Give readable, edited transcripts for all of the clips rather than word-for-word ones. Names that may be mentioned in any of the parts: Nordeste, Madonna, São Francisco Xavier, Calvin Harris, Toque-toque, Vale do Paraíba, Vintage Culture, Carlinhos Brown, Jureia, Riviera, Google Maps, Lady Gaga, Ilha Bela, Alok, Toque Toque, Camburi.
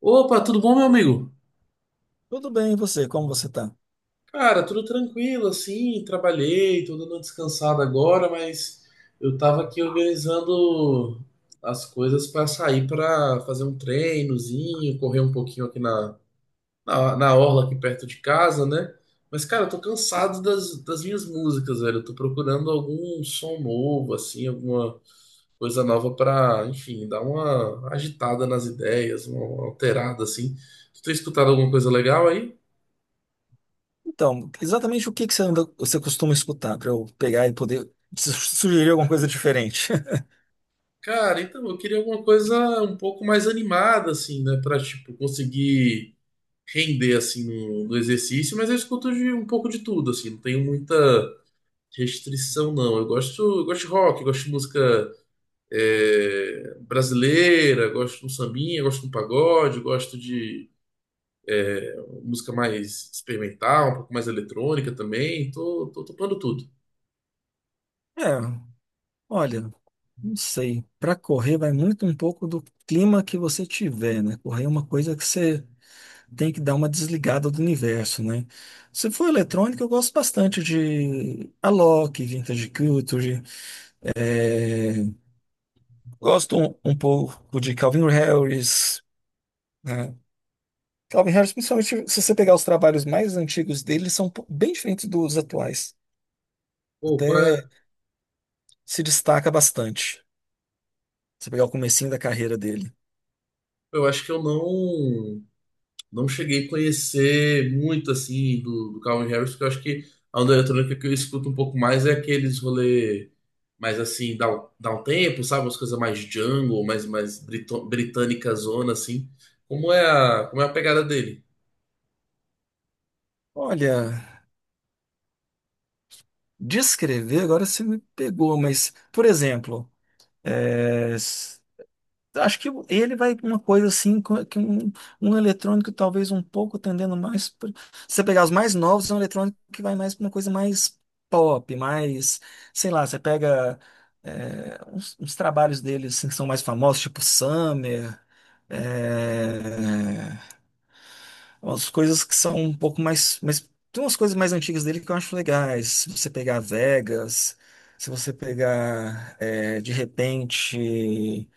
Opa, tudo bom, meu amigo? Tudo bem, e você? Como você tá? Cara, tudo tranquilo, assim, trabalhei, tô dando uma descansada agora, mas eu tava aqui organizando as coisas para sair para fazer um treinozinho, correr um pouquinho aqui na orla aqui perto de casa, né? Mas, cara, eu tô cansado das minhas músicas, velho. Eu tô procurando algum som novo, assim, alguma coisa nova pra, enfim, dar uma agitada nas ideias, uma alterada, assim. Tu tem escutado alguma coisa legal aí? Então, exatamente o que que você anda, você costuma escutar para eu pegar e poder sugerir alguma coisa diferente? Cara, então eu queria alguma coisa um pouco mais animada, assim, né? Pra, tipo, conseguir render, assim, no exercício. Mas eu escuto um pouco de tudo, assim. Não tenho muita restrição, não. Eu gosto de rock, eu gosto de música brasileira, eu gosto de um sambinha, eu gosto de um pagode, eu gosto de é, música mais experimental, um pouco mais eletrônica também. Tô topando tudo. É, olha, não sei. Para correr vai muito um pouco do clima que você tiver, né? Correr é uma coisa que você tem que dar uma desligada do universo, né? Se for eletrônica, eu gosto bastante de Alok, Vintage Culture. é, Gosto um pouco de Calvin Harris, né? Calvin Harris, principalmente se você pegar os trabalhos mais antigos dele, são bem diferentes dos atuais. Pô, qual Até é? se destaca bastante. Se pegar o comecinho da carreira dele. Eu acho que eu não cheguei a conhecer muito assim do Calvin Harris, porque eu acho que a onda eletrônica que eu escuto um pouco mais é aqueles rolê mais assim, dá um tempo, sabe? Umas coisas mais jungle, mais britânica zona, assim. Como é a pegada dele? Olha, descrever, agora você me pegou, mas, por exemplo, é, s- acho que ele vai uma coisa assim, co- que um eletrônico talvez um pouco tendendo mais. Se você pegar os mais novos, é um eletrônico que vai mais para uma coisa mais pop, mais, sei lá, você pega uns, uns trabalhos deles assim, que são mais famosos, tipo Summer. é, Umas coisas que são um pouco mais, mas tem umas coisas mais antigas dele que eu acho legais. Se você pegar Vegas, se você pegar de repente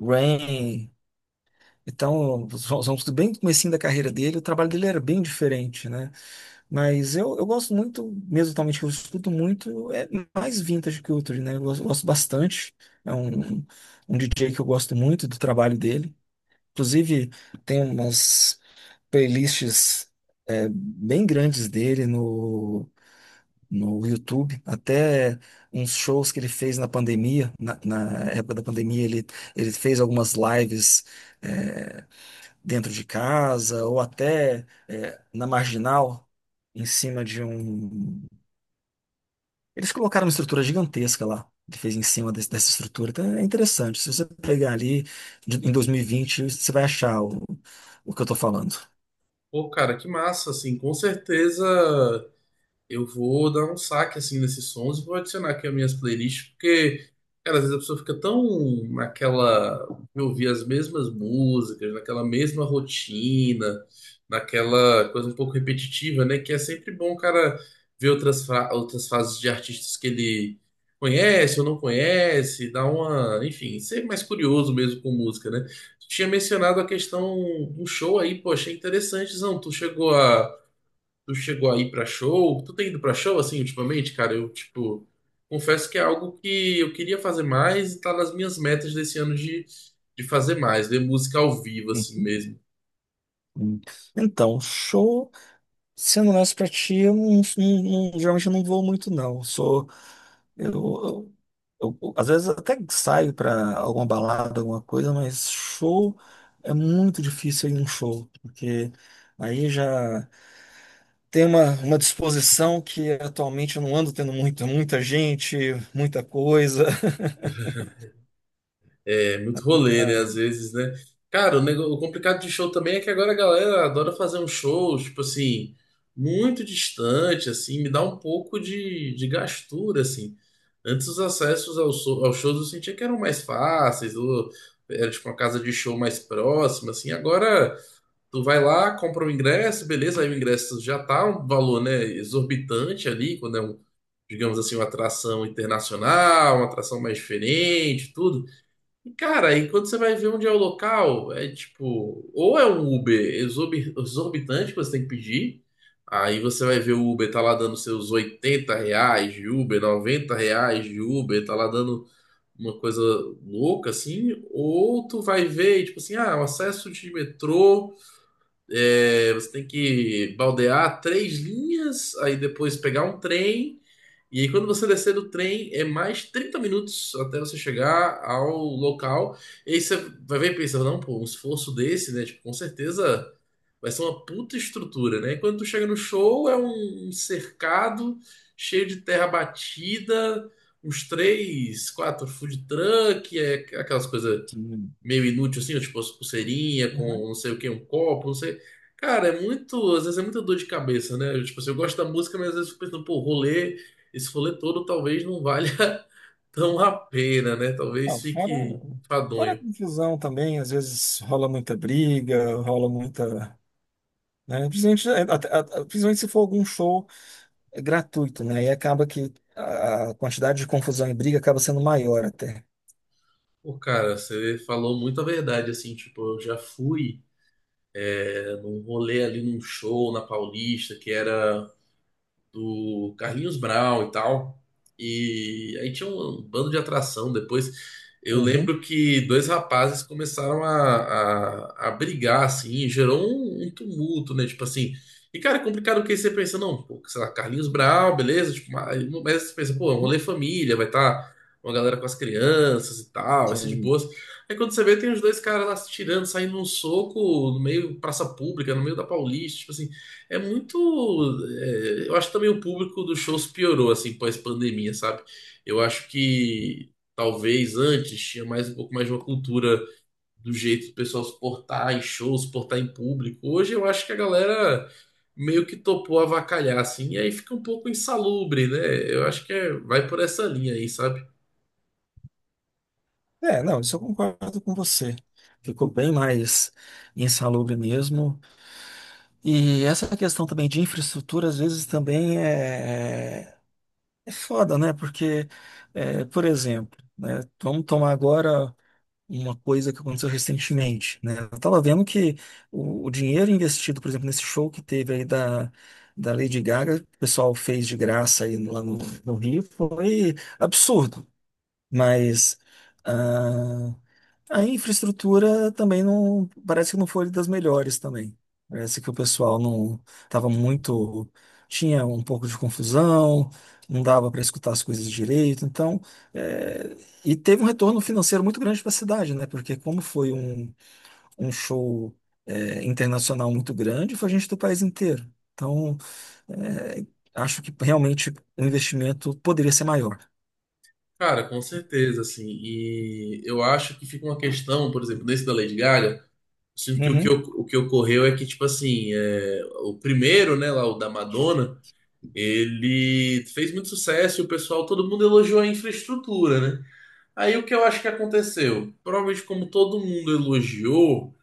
Rain, então vamos bem no comecinho da carreira dele. O trabalho dele era bem diferente, né? Mas eu gosto muito, mesmo atualmente que eu escuto muito, é mais Vintage Culture, né? Eu gosto, gosto bastante. É um, um DJ que eu gosto muito do trabalho dele. Inclusive, tem umas playlists bem grandes dele no, no YouTube, até uns shows que ele fez na pandemia, na, na época da pandemia ele fez algumas lives dentro de casa ou até na Marginal, em cima de um... Eles colocaram uma estrutura gigantesca lá. Ele fez em cima dessa estrutura. Então é interessante. Se você pegar ali em 2020, você vai achar o que eu estou falando. Pô, cara, que massa, assim, com certeza. Eu vou dar um saque assim nesses sons e vou adicionar aqui as minhas playlists, porque, cara, às vezes a pessoa fica tão naquela, eu ouvir as mesmas músicas, naquela mesma rotina, naquela coisa um pouco repetitiva, né? Que é sempre bom, cara, ver outras fases de artistas que ele conhece ou não conhece, dar uma, enfim, ser mais curioso mesmo com música, né? Tu tinha mencionado a questão do show aí, pô, achei interessante, não? Tu chegou aí pra show? Tu tem ido pra show assim ultimamente, cara? Eu, tipo, confesso que é algo que eu queria fazer mais e tá nas minhas metas desse ano de fazer mais, ver música ao vivo, assim Uhum. mesmo. Hum. Então, show. Sendo honesto pra ti, eu não, geralmente eu não vou muito, não. Eu Sou, eu, eu- Às vezes até saio pra alguma balada, alguma coisa, mas show é muito difícil ir num show, porque aí já tem uma disposição que atualmente eu não ando tendo muito, muita gente, muita coisa. É muito rolê, né? Ah, Às vezes, né? Cara, o complicado de show também é que agora a galera adora fazer um show, tipo assim, muito distante, assim, me dá um pouco de gastura, assim. Antes os acessos aos shows eu sentia que eram mais fáceis, ou era tipo uma casa de show mais próxima, assim. Agora tu vai lá, compra o ingresso, beleza, aí o ingresso já tá um valor, né, exorbitante ali, quando é um, digamos assim, uma atração internacional, uma atração mais diferente, tudo. E, cara, aí quando você vai ver onde é o local, é tipo, ou é um Uber exorbitante que você tem que pedir, aí você vai ver o Uber tá lá dando seus R$ 80 de Uber, R$ 90 de Uber, tá lá dando uma coisa louca assim, ou tu vai ver, tipo assim, ah, o acesso de metrô, você tem que baldear três linhas, aí depois pegar um trem. E aí, quando você descer do trem, é mais 30 minutos até você chegar ao local. E aí você vai ver e pensa, não, pô, um esforço desse, né? Tipo, com certeza vai ser uma puta estrutura, né? E quando tu chega no show, é um cercado cheio de terra batida, uns três, quatro food truck, é aquelas coisas sim. meio inútil, assim, tipo as pulseirinha com Uhum. não sei o que, um copo, não sei. Cara, é muito. Às vezes é muita dor de cabeça, né? Eu, tipo assim, eu gosto da música, mas às vezes eu fico pensando, pô, rolê, esse rolê todo talvez não valha tão a pena, né? Talvez Ah, fora, fique fora a enfadonho. confusão também, às vezes rola muita briga, rola muita, né? Principalmente, principalmente se for algum show gratuito, né? Aí acaba que a quantidade de confusão e briga acaba sendo maior até. Pô, cara, você falou muita verdade, assim, tipo, eu já fui num rolê ali num show na Paulista, que era do Carlinhos Brown e tal. E aí tinha um bando de atração. Depois eu Uhum. lembro que dois rapazes começaram a brigar, assim, e gerou um tumulto, né? Tipo assim. E, cara, é complicado porque você pensa, não, pô, sei lá, Carlinhos Brown, beleza? Tipo, mas você pensa, pô, é um rolê Uhum. família, vai estar tá uma galera com as crianças e tal, vai ser de Sim. boas. Aí quando você vê, tem os dois caras lá se tirando, saindo num soco no meio praça pública, no meio da Paulista, tipo assim. É muito. Eu acho que também o público dos shows piorou, assim, pós-pandemia, sabe? Eu acho que talvez antes tinha mais um pouco mais de uma cultura do jeito do pessoal se portar em shows, se portar em público. Hoje eu acho que a galera meio que topou avacalhar, assim, e aí fica um pouco insalubre, né? Eu acho que vai por essa linha aí, sabe? É, não, isso eu concordo com você. Ficou bem mais insalubre mesmo. E essa questão também de infraestrutura, às vezes também é foda, né? Porque, é, por exemplo, né? Vamos tomar agora uma coisa que aconteceu recentemente, né? Eu tava vendo que o dinheiro investido, por exemplo, nesse show que teve aí da, da Lady Gaga, que o pessoal fez de graça aí lá no, no Rio, foi absurdo. Mas ah, a infraestrutura também não, parece que não foi das melhores também. Parece que o pessoal não estava muito, tinha um pouco de confusão, não dava para escutar as coisas direito. Então, é, e teve um retorno financeiro muito grande para a cidade, né? Porque como foi um, um show, é, internacional muito grande, foi gente do país inteiro. Então, é, acho que realmente o investimento poderia ser maior. Cara, com certeza, assim. E eu acho que fica uma questão, por exemplo, nesse da Lady Gaga. Sinto que o que, Uhum, o, o que ocorreu é que, tipo assim, o primeiro, né, lá, o da Madonna, ele fez muito sucesso e o pessoal, todo mundo elogiou a infraestrutura, né? Aí o que eu acho que aconteceu? Provavelmente, como todo mundo elogiou,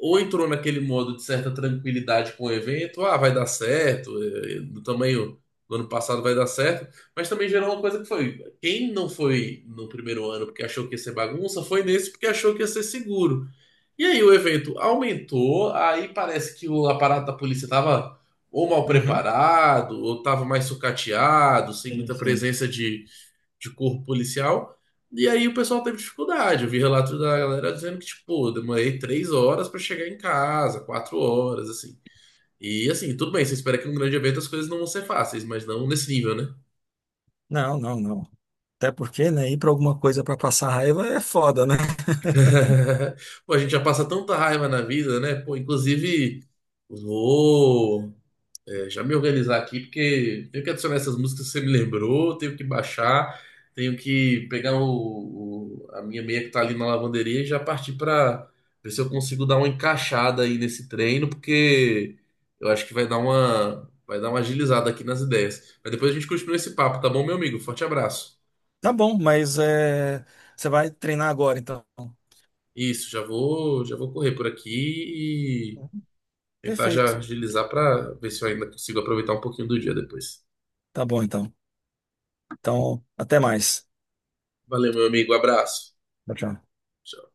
ou entrou naquele modo de certa tranquilidade com o evento, ah, vai dar certo, do tamanho do ano passado vai dar certo, mas também gerou uma coisa que foi, quem não foi no primeiro ano porque achou que ia ser bagunça, foi nesse porque achou que ia ser seguro. E aí o evento aumentou, aí parece que o aparato da polícia estava ou mal uhum. preparado, ou estava mais sucateado, sem Sim, muita sim. presença de corpo policial. E aí o pessoal teve dificuldade. Eu vi relato da galera dizendo que, tipo, "Pô, demorei 3 horas para chegar em casa, 4 horas, assim. E assim, tudo bem, você espera que num grande evento as coisas não vão ser fáceis, mas não nesse nível, né? Não, não, não. Até porque, né, ir para alguma coisa para passar raiva é foda, né? Pô, a gente já passa tanta raiva na vida, né? Pô, inclusive. Ô, já me organizar aqui, porque tenho que adicionar essas músicas que você me lembrou, tenho que baixar, tenho que pegar a minha meia que tá ali na lavanderia e já partir para ver se eu consigo dar uma encaixada aí nesse treino, porque eu acho que vai dar uma, agilizada aqui nas ideias. Mas depois a gente continua esse papo, tá bom, meu amigo? Forte abraço. Tá bom, mas é, você vai treinar agora, então. Isso, já vou correr por aqui e tentar Perfeito. já agilizar para ver se eu ainda consigo aproveitar um pouquinho do dia depois. Tá bom, então. Então, até mais. Valeu, meu amigo, abraço. Tchau, tchau. Tchau.